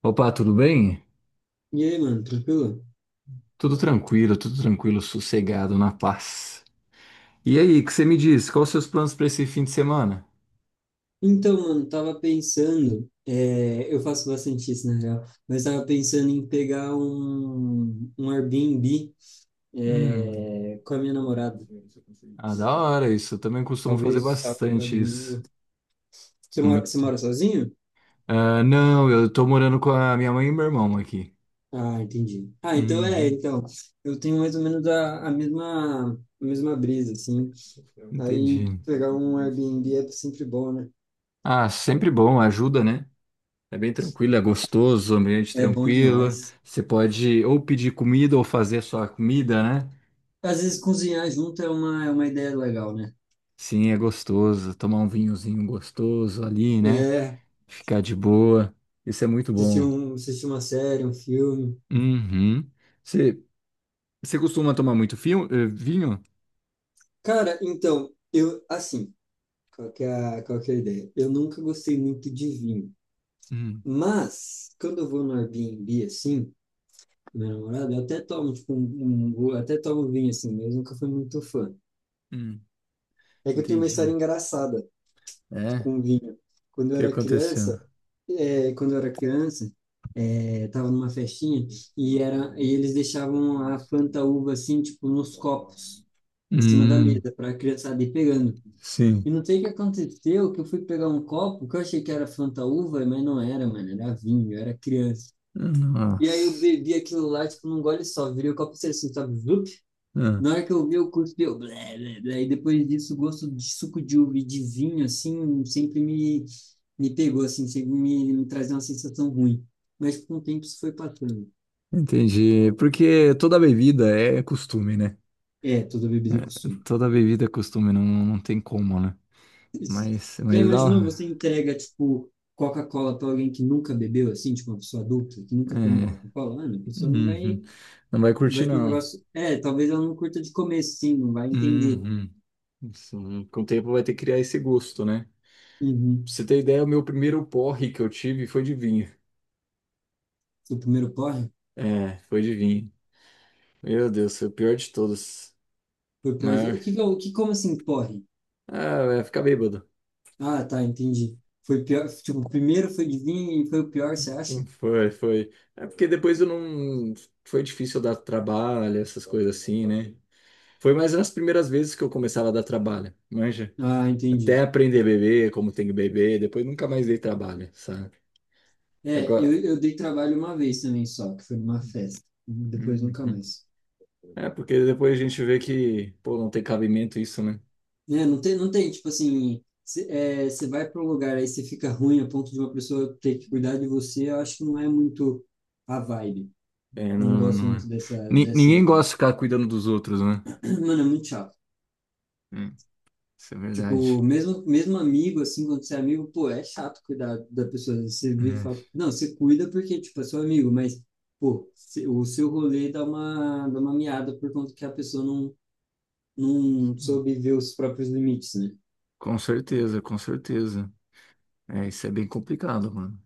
Opa, tudo bem? E aí, mano, tranquilo? Tudo tranquilo, sossegado, na paz. E aí, o que você me diz? Quais os seus planos para esse fim de semana? Então, mano, tava pensando, eu faço bastante isso na real, mas tava pensando em pegar um Airbnb, Hum, com a minha namorada. ah, da hora isso. Eu também costumo fazer Talvez sábado para bastante isso. domingo. Você Muito. mora sozinho? Ah, não, eu tô morando com a minha mãe e meu irmão aqui. Ah, entendi. Ah, então é, Uhum, então. Eu tenho mais ou menos a a mesma brisa, assim. Aí entendi. pegar um Airbnb é sempre bom, né? Ah, sempre bom, ajuda, né? É bem tranquilo, é gostoso, ambiente É bom tranquilo. demais. Você pode ou pedir comida ou fazer a sua comida, né? Às vezes cozinhar junto é é uma ideia legal, né? Sim, é gostoso. Tomar um vinhozinho gostoso ali, né? É, Ficar de boa. Isso é muito assistir bom. Assistir uma série, um filme. Uhum. Você, você costuma tomar muito fio, vinho? Cara, então, eu, assim, qual que é qual que é a ideia? Eu nunca gostei muito de vinho, Hum, mas quando eu vou no Airbnb, assim, com minha namorada, eu até tomo, tipo, eu até tomo vinho, assim, mas eu nunca fui muito fã. hum, É que eu tenho uma história entendi. engraçada É? com vinho. Quando O eu que era aconteceu? criança, quando eu era criança, tava numa festinha e eles deixavam a Fanta uva, assim, tipo, nos copos, em cima da Hum, mesa, para a criançada ir pegando. sim. E não sei o que aconteceu, que eu fui pegar um copo que eu achei que era Fanta Uva, mas não era, mano, era vinho, eu era criança. E aí eu Nossa. bebi aquilo lá, tipo, num gole só, virei o copo inteiro assim, sabe? Zup. Ah, Na hora que eu vi, eu cuspi, eu blé, blé, blé. E depois disso, o gosto de suco de uva e de vinho, assim, me pegou, assim, me trazia uma sensação ruim. Mas com o tempo isso foi passando. entendi. Porque toda bebida é costume, né? É, toda É, bebida é costume. toda bebida é costume, não, não tem como, né? Já Mas imaginou dá. você entrega, tipo, Coca-Cola para alguém que nunca bebeu, assim, tipo, uma pessoa adulta, que nunca tomou É, Coca-Cola? Ah, não, a pessoa não uhum. vai, Não vai vai curtir, ter um não. negócio. É, talvez ela não curta de comer, sim, não vai entender. Uhum. Isso, com o tempo vai ter que criar esse gosto, né? Pra Uhum. você ter ideia, o meu primeiro porre que eu tive foi de vinho. O primeiro porre É, foi de vinho. Meu Deus, foi o pior de todos. foi o pior. Maior. O que, que é o como assim, porre? Ah, vai ficar bêbado. Ah, tá, entendi. Foi pior, tipo, o primeiro foi de vinho e foi o pior, você acha? Foi, foi. É porque depois eu não. Foi difícil dar trabalho, essas coisas assim, né? Foi mais nas primeiras vezes que eu começava a dar trabalho, manja. Ah, Até entendi. aprender a beber, como tem que beber, depois nunca mais dei trabalho, sabe? Agora. Eu dei trabalho uma vez também só, que foi numa festa. Depois nunca Uhum. mais. É, porque depois a gente vê que, pô, não tem cabimento isso, né? Né? Não tem, não tem, tipo assim, cê vai para um lugar aí você fica ruim a ponto de uma pessoa ter que cuidar de você, eu acho que não é muito a vibe. É, Não não, gosto não é. muito Ni- dessa ninguém ideia. gosta de ficar cuidando dos outros, né? Mano, é muito chato. É, isso é Tipo, verdade. Mesmo amigo, assim, quando você é amigo, pô, é chato cuidar da pessoa. Você vira e É. fala, não, você cuida porque, tipo, é seu amigo, mas, pô, se- o seu rolê dá dá uma miada por conta que a pessoa não, não soube ver os próprios limites, né? Com certeza, com certeza. É, isso é bem complicado, mano.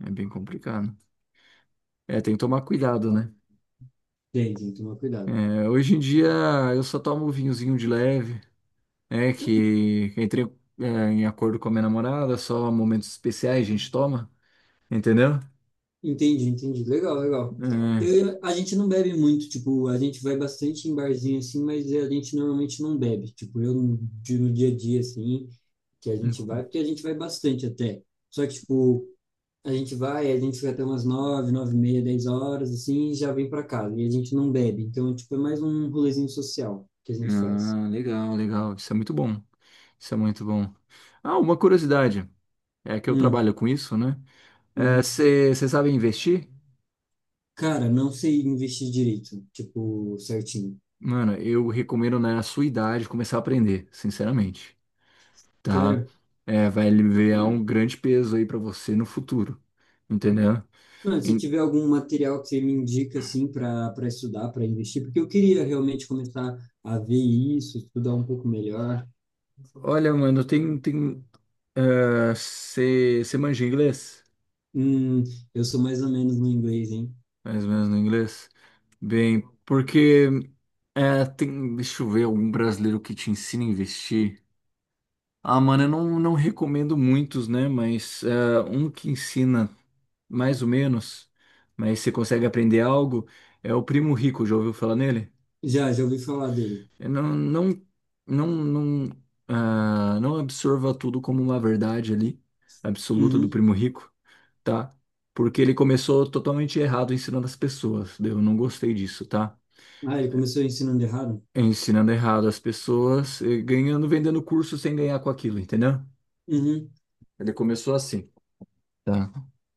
É bem complicado. É, tem que tomar cuidado, né? Tem que tomar cuidado. É, hoje em dia eu só tomo vinhozinho de leve, né? Que entrei, é, em acordo com a minha namorada, só momentos especiais a gente toma, entendeu? Entendi, entendi. Legal, legal. Eu, a gente não bebe muito, tipo, a gente vai bastante em barzinho assim, mas a gente normalmente não bebe. Tipo, eu no de- no dia a dia assim, que a gente É, vai, porque a gente vai bastante até. Só que, tipo, a gente fica até umas nove, nove e meia, dez horas, assim, e já vem pra casa. E a gente não bebe. Então, tipo, é mais um rolezinho social que a gente faz. ah, legal, legal. Isso é muito bom. Isso é muito bom. Ah, uma curiosidade. É que eu Hum, trabalho com isso, né? uhum. Você sabe investir? Cara, não sei investir direito, tipo, certinho. Mano, eu recomendo na sua idade começar a aprender, sinceramente, tá? Sério? É, vai aliviar um grande peso aí pra você no futuro, entendeu? Mano, se Em- tiver algum material que você me indica assim para estudar, para investir, porque eu queria realmente começar a ver isso, estudar um pouco melhor. olha, mano, você manja inglês? Hum, eu sou mais ou menos no inglês, hein? Mais ou menos no inglês? Bem, porque tem, deixa eu ver algum brasileiro que te ensina a investir. Ah, mano, eu não, não recomendo muitos, né? Mas um que ensina mais ou menos, mas você consegue aprender algo, é o Primo Rico, já ouviu falar nele? Já, já ouvi falar dele. Eu não, não, ah, não absorva tudo como uma verdade ali, absoluta do Uhum. Primo Rico, tá? Porque ele começou totalmente errado ensinando as pessoas, daí eu não gostei disso, tá? Ah, ele começou ensinando errado? Ensinando errado as pessoas, e ganhando, vendendo curso sem ganhar com aquilo, entendeu? Uhum. Ele começou assim. Tá?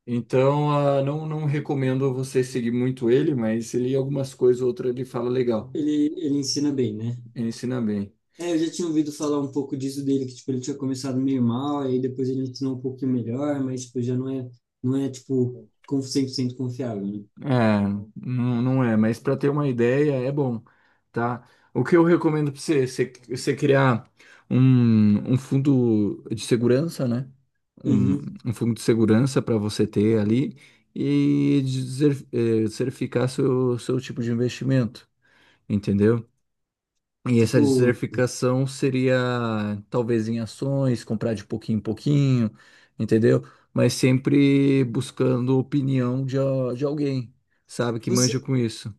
Então, ah, não, não recomendo você seguir muito ele, mas ele algumas coisas, outra ele fala legal. Ele ensina bem, né? Ele ensina bem. É, eu já tinha ouvido falar um pouco disso dele, que tipo, ele tinha começado meio mal, aí depois ele ensinou um pouquinho melhor, mas tipo, já não é, não é tipo, com- 100% confiável, né? É, não, não é, mas para ter uma ideia é bom, tá? O que eu recomendo para você, você criar um, um fundo de segurança, né? Um, Uhum. um fundo de segurança para você ter ali e dizer, certificar seu tipo de investimento, entendeu? E essa Tipo, desertificação seria talvez em ações, comprar de pouquinho em pouquinho, entendeu? Mas sempre buscando opinião de, de alguém, sabe, que você, manja com isso.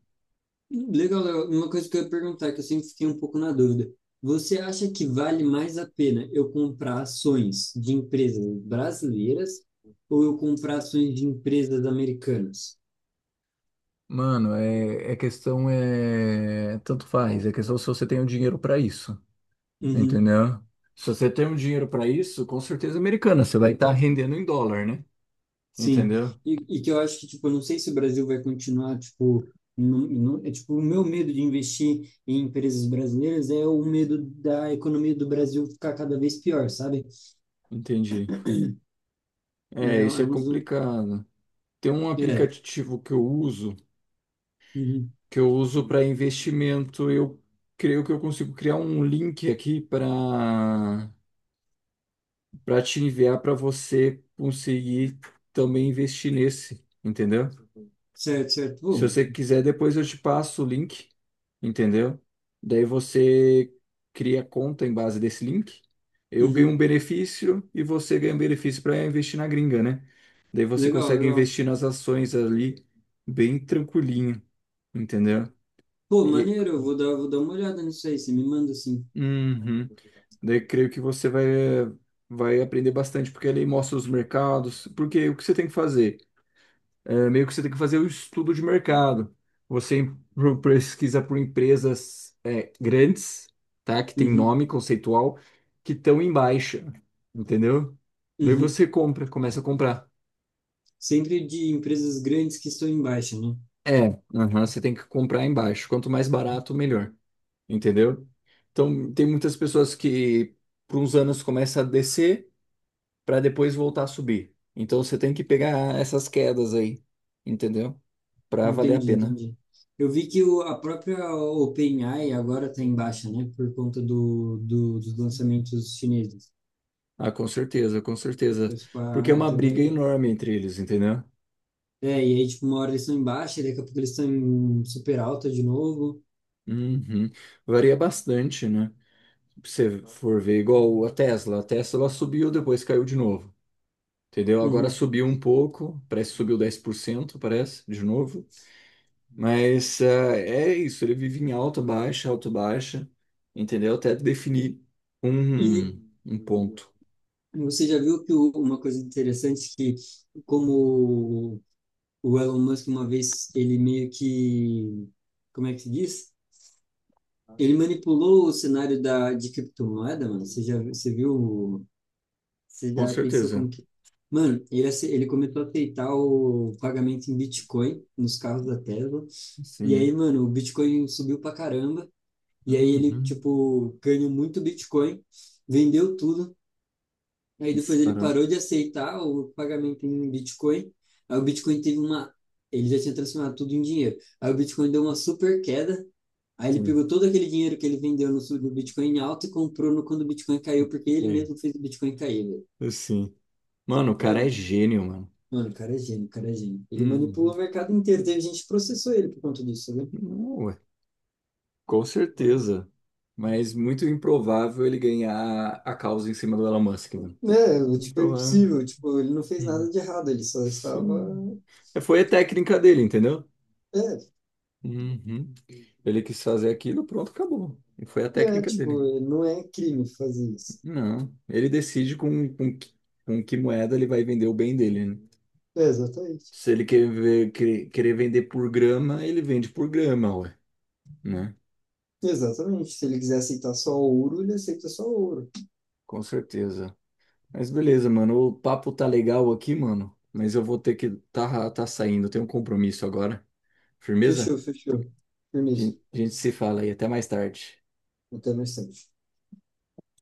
legal, legal. Uma coisa que eu ia perguntar, que eu sempre fiquei um pouco na dúvida. Você acha que vale mais a pena eu comprar ações de empresas brasileiras ou eu comprar ações de empresas americanas? Mano, é, é questão é tanto faz, é questão se você tem o dinheiro para isso, Uhum, entendeu? Se você tem o dinheiro para isso, com certeza americana, você vai estar rendendo em dólar, né? sim. Entendeu? E que eu acho que, tipo, eu não sei se o Brasil vai continuar, tipo, não, não, é, tipo, o meu medo de investir em empresas brasileiras é o medo da economia do Brasil ficar cada vez pior, sabe? Entendi. É, É, é isso é um dos... complicado. Tem um É. aplicativo que eu uso Uhum. Para investimento, eu creio que eu consigo criar um link aqui para te enviar para você conseguir também investir nesse, entendeu? Certo, certo. Se Bom, você quiser, depois eu te passo o link, entendeu? Daí você cria conta em base desse link. Eu ganho um uhum. benefício e você ganha um benefício para investir na gringa, né? Daí você Legal, consegue legal. investir nas ações ali bem tranquilinho, entendeu? Pô, E, maneiro, vou dar uma olhada nisso aí, você me manda assim. uhum. Daí creio que vai aprender bastante, porque ele mostra os mercados. Porque o que você tem que fazer? É, meio que você tem que fazer o estudo de mercado. Você pesquisa por empresas grandes, tá? Que tem Uhum, nome conceitual, que estão em baixa, entendeu? Daí uhum. você compra, começa a comprar. Sempre de empresas grandes que estão em baixa, né? É, aham, você tem que comprar em baixo. Quanto mais barato, melhor, entendeu? Então, tem muitas pessoas que, por uns anos, começa a descer para depois voltar a subir. Então você tem que pegar essas quedas aí, entendeu? Para valer a Entendi, pena. entendi. Eu vi que a própria OpenAI agora está em baixa, né? Por conta dos lançamentos chineses. Ah, com certeza, com certeza. Eu, tipo, Porque é ah, uma até briga vale. enorme entre eles, entendeu? É, e aí, tipo, uma hora eles estão em baixa, e daqui a pouco eles estão em super alta de novo. Uhum. Varia bastante, né? Se você for ver, igual a Tesla. A Tesla subiu, depois caiu de novo, entendeu? Agora Uhum. subiu um pouco, parece que subiu 10%, parece, de novo. Mas ah, é isso, ele vive em alta, baixa, entendeu? Até definir um, E um ponto. você já viu que o- uma coisa interessante é que, como o Elon Musk, uma vez, ele meio que. Como é que se diz? Ele manipulou o cenário de criptomoeda, mano. Você viu? Você Com já pensou certeza. como que. Mano, ele começou a aceitar o pagamento em Bitcoin nos carros da Tesla. E aí, Sim. mano, o Bitcoin subiu pra caramba. E aí ele, Uhum. tipo, ganhou muito Bitcoin, vendeu tudo. Aí depois ele Disparou. parou de aceitar o pagamento em Bitcoin. Aí o Bitcoin teve uma. Ele já tinha transformado tudo em dinheiro. Aí o Bitcoin deu uma super queda. Aí ele Sim. pegou todo aquele dinheiro que ele vendeu no Bitcoin em alta e comprou no quando o Bitcoin caiu, porque ele É, mesmo fez o Bitcoin cair, velho. assim. Mano, o cara é Mano, gênio, mano. mano, o cara é gênio, o cara é gênio. Ele Uhum. manipulou o mercado inteiro. Teve gente que processou ele por conta disso, né? Não, ué. Com certeza. Mas muito improvável ele ganhar a causa em cima do Elon Musk, mano. É, tipo, é Improvável. impossível. Tipo, ele não fez nada Uhum. de errado. Ele só Sim. estava. É, foi a técnica dele, entendeu? É, Uhum. Ele quis fazer aquilo, pronto, acabou. E foi a técnica dele. tipo, não é crime fazer isso. Não, ele decide com que moeda ele vai vender o bem dele, né? É, exatamente. Se ele querer vender por grama, ele vende por grama, ué, né? Exatamente. Se ele quiser aceitar só ouro, ele aceita só ouro. Com certeza. Mas beleza, mano, o papo tá legal aqui, mano, mas eu vou ter que tá saindo, eu tenho um compromisso agora. Firmeza? Fechou, fechou. A Firmeza. gente a gente se fala aí, até mais tarde. Até mais tarde.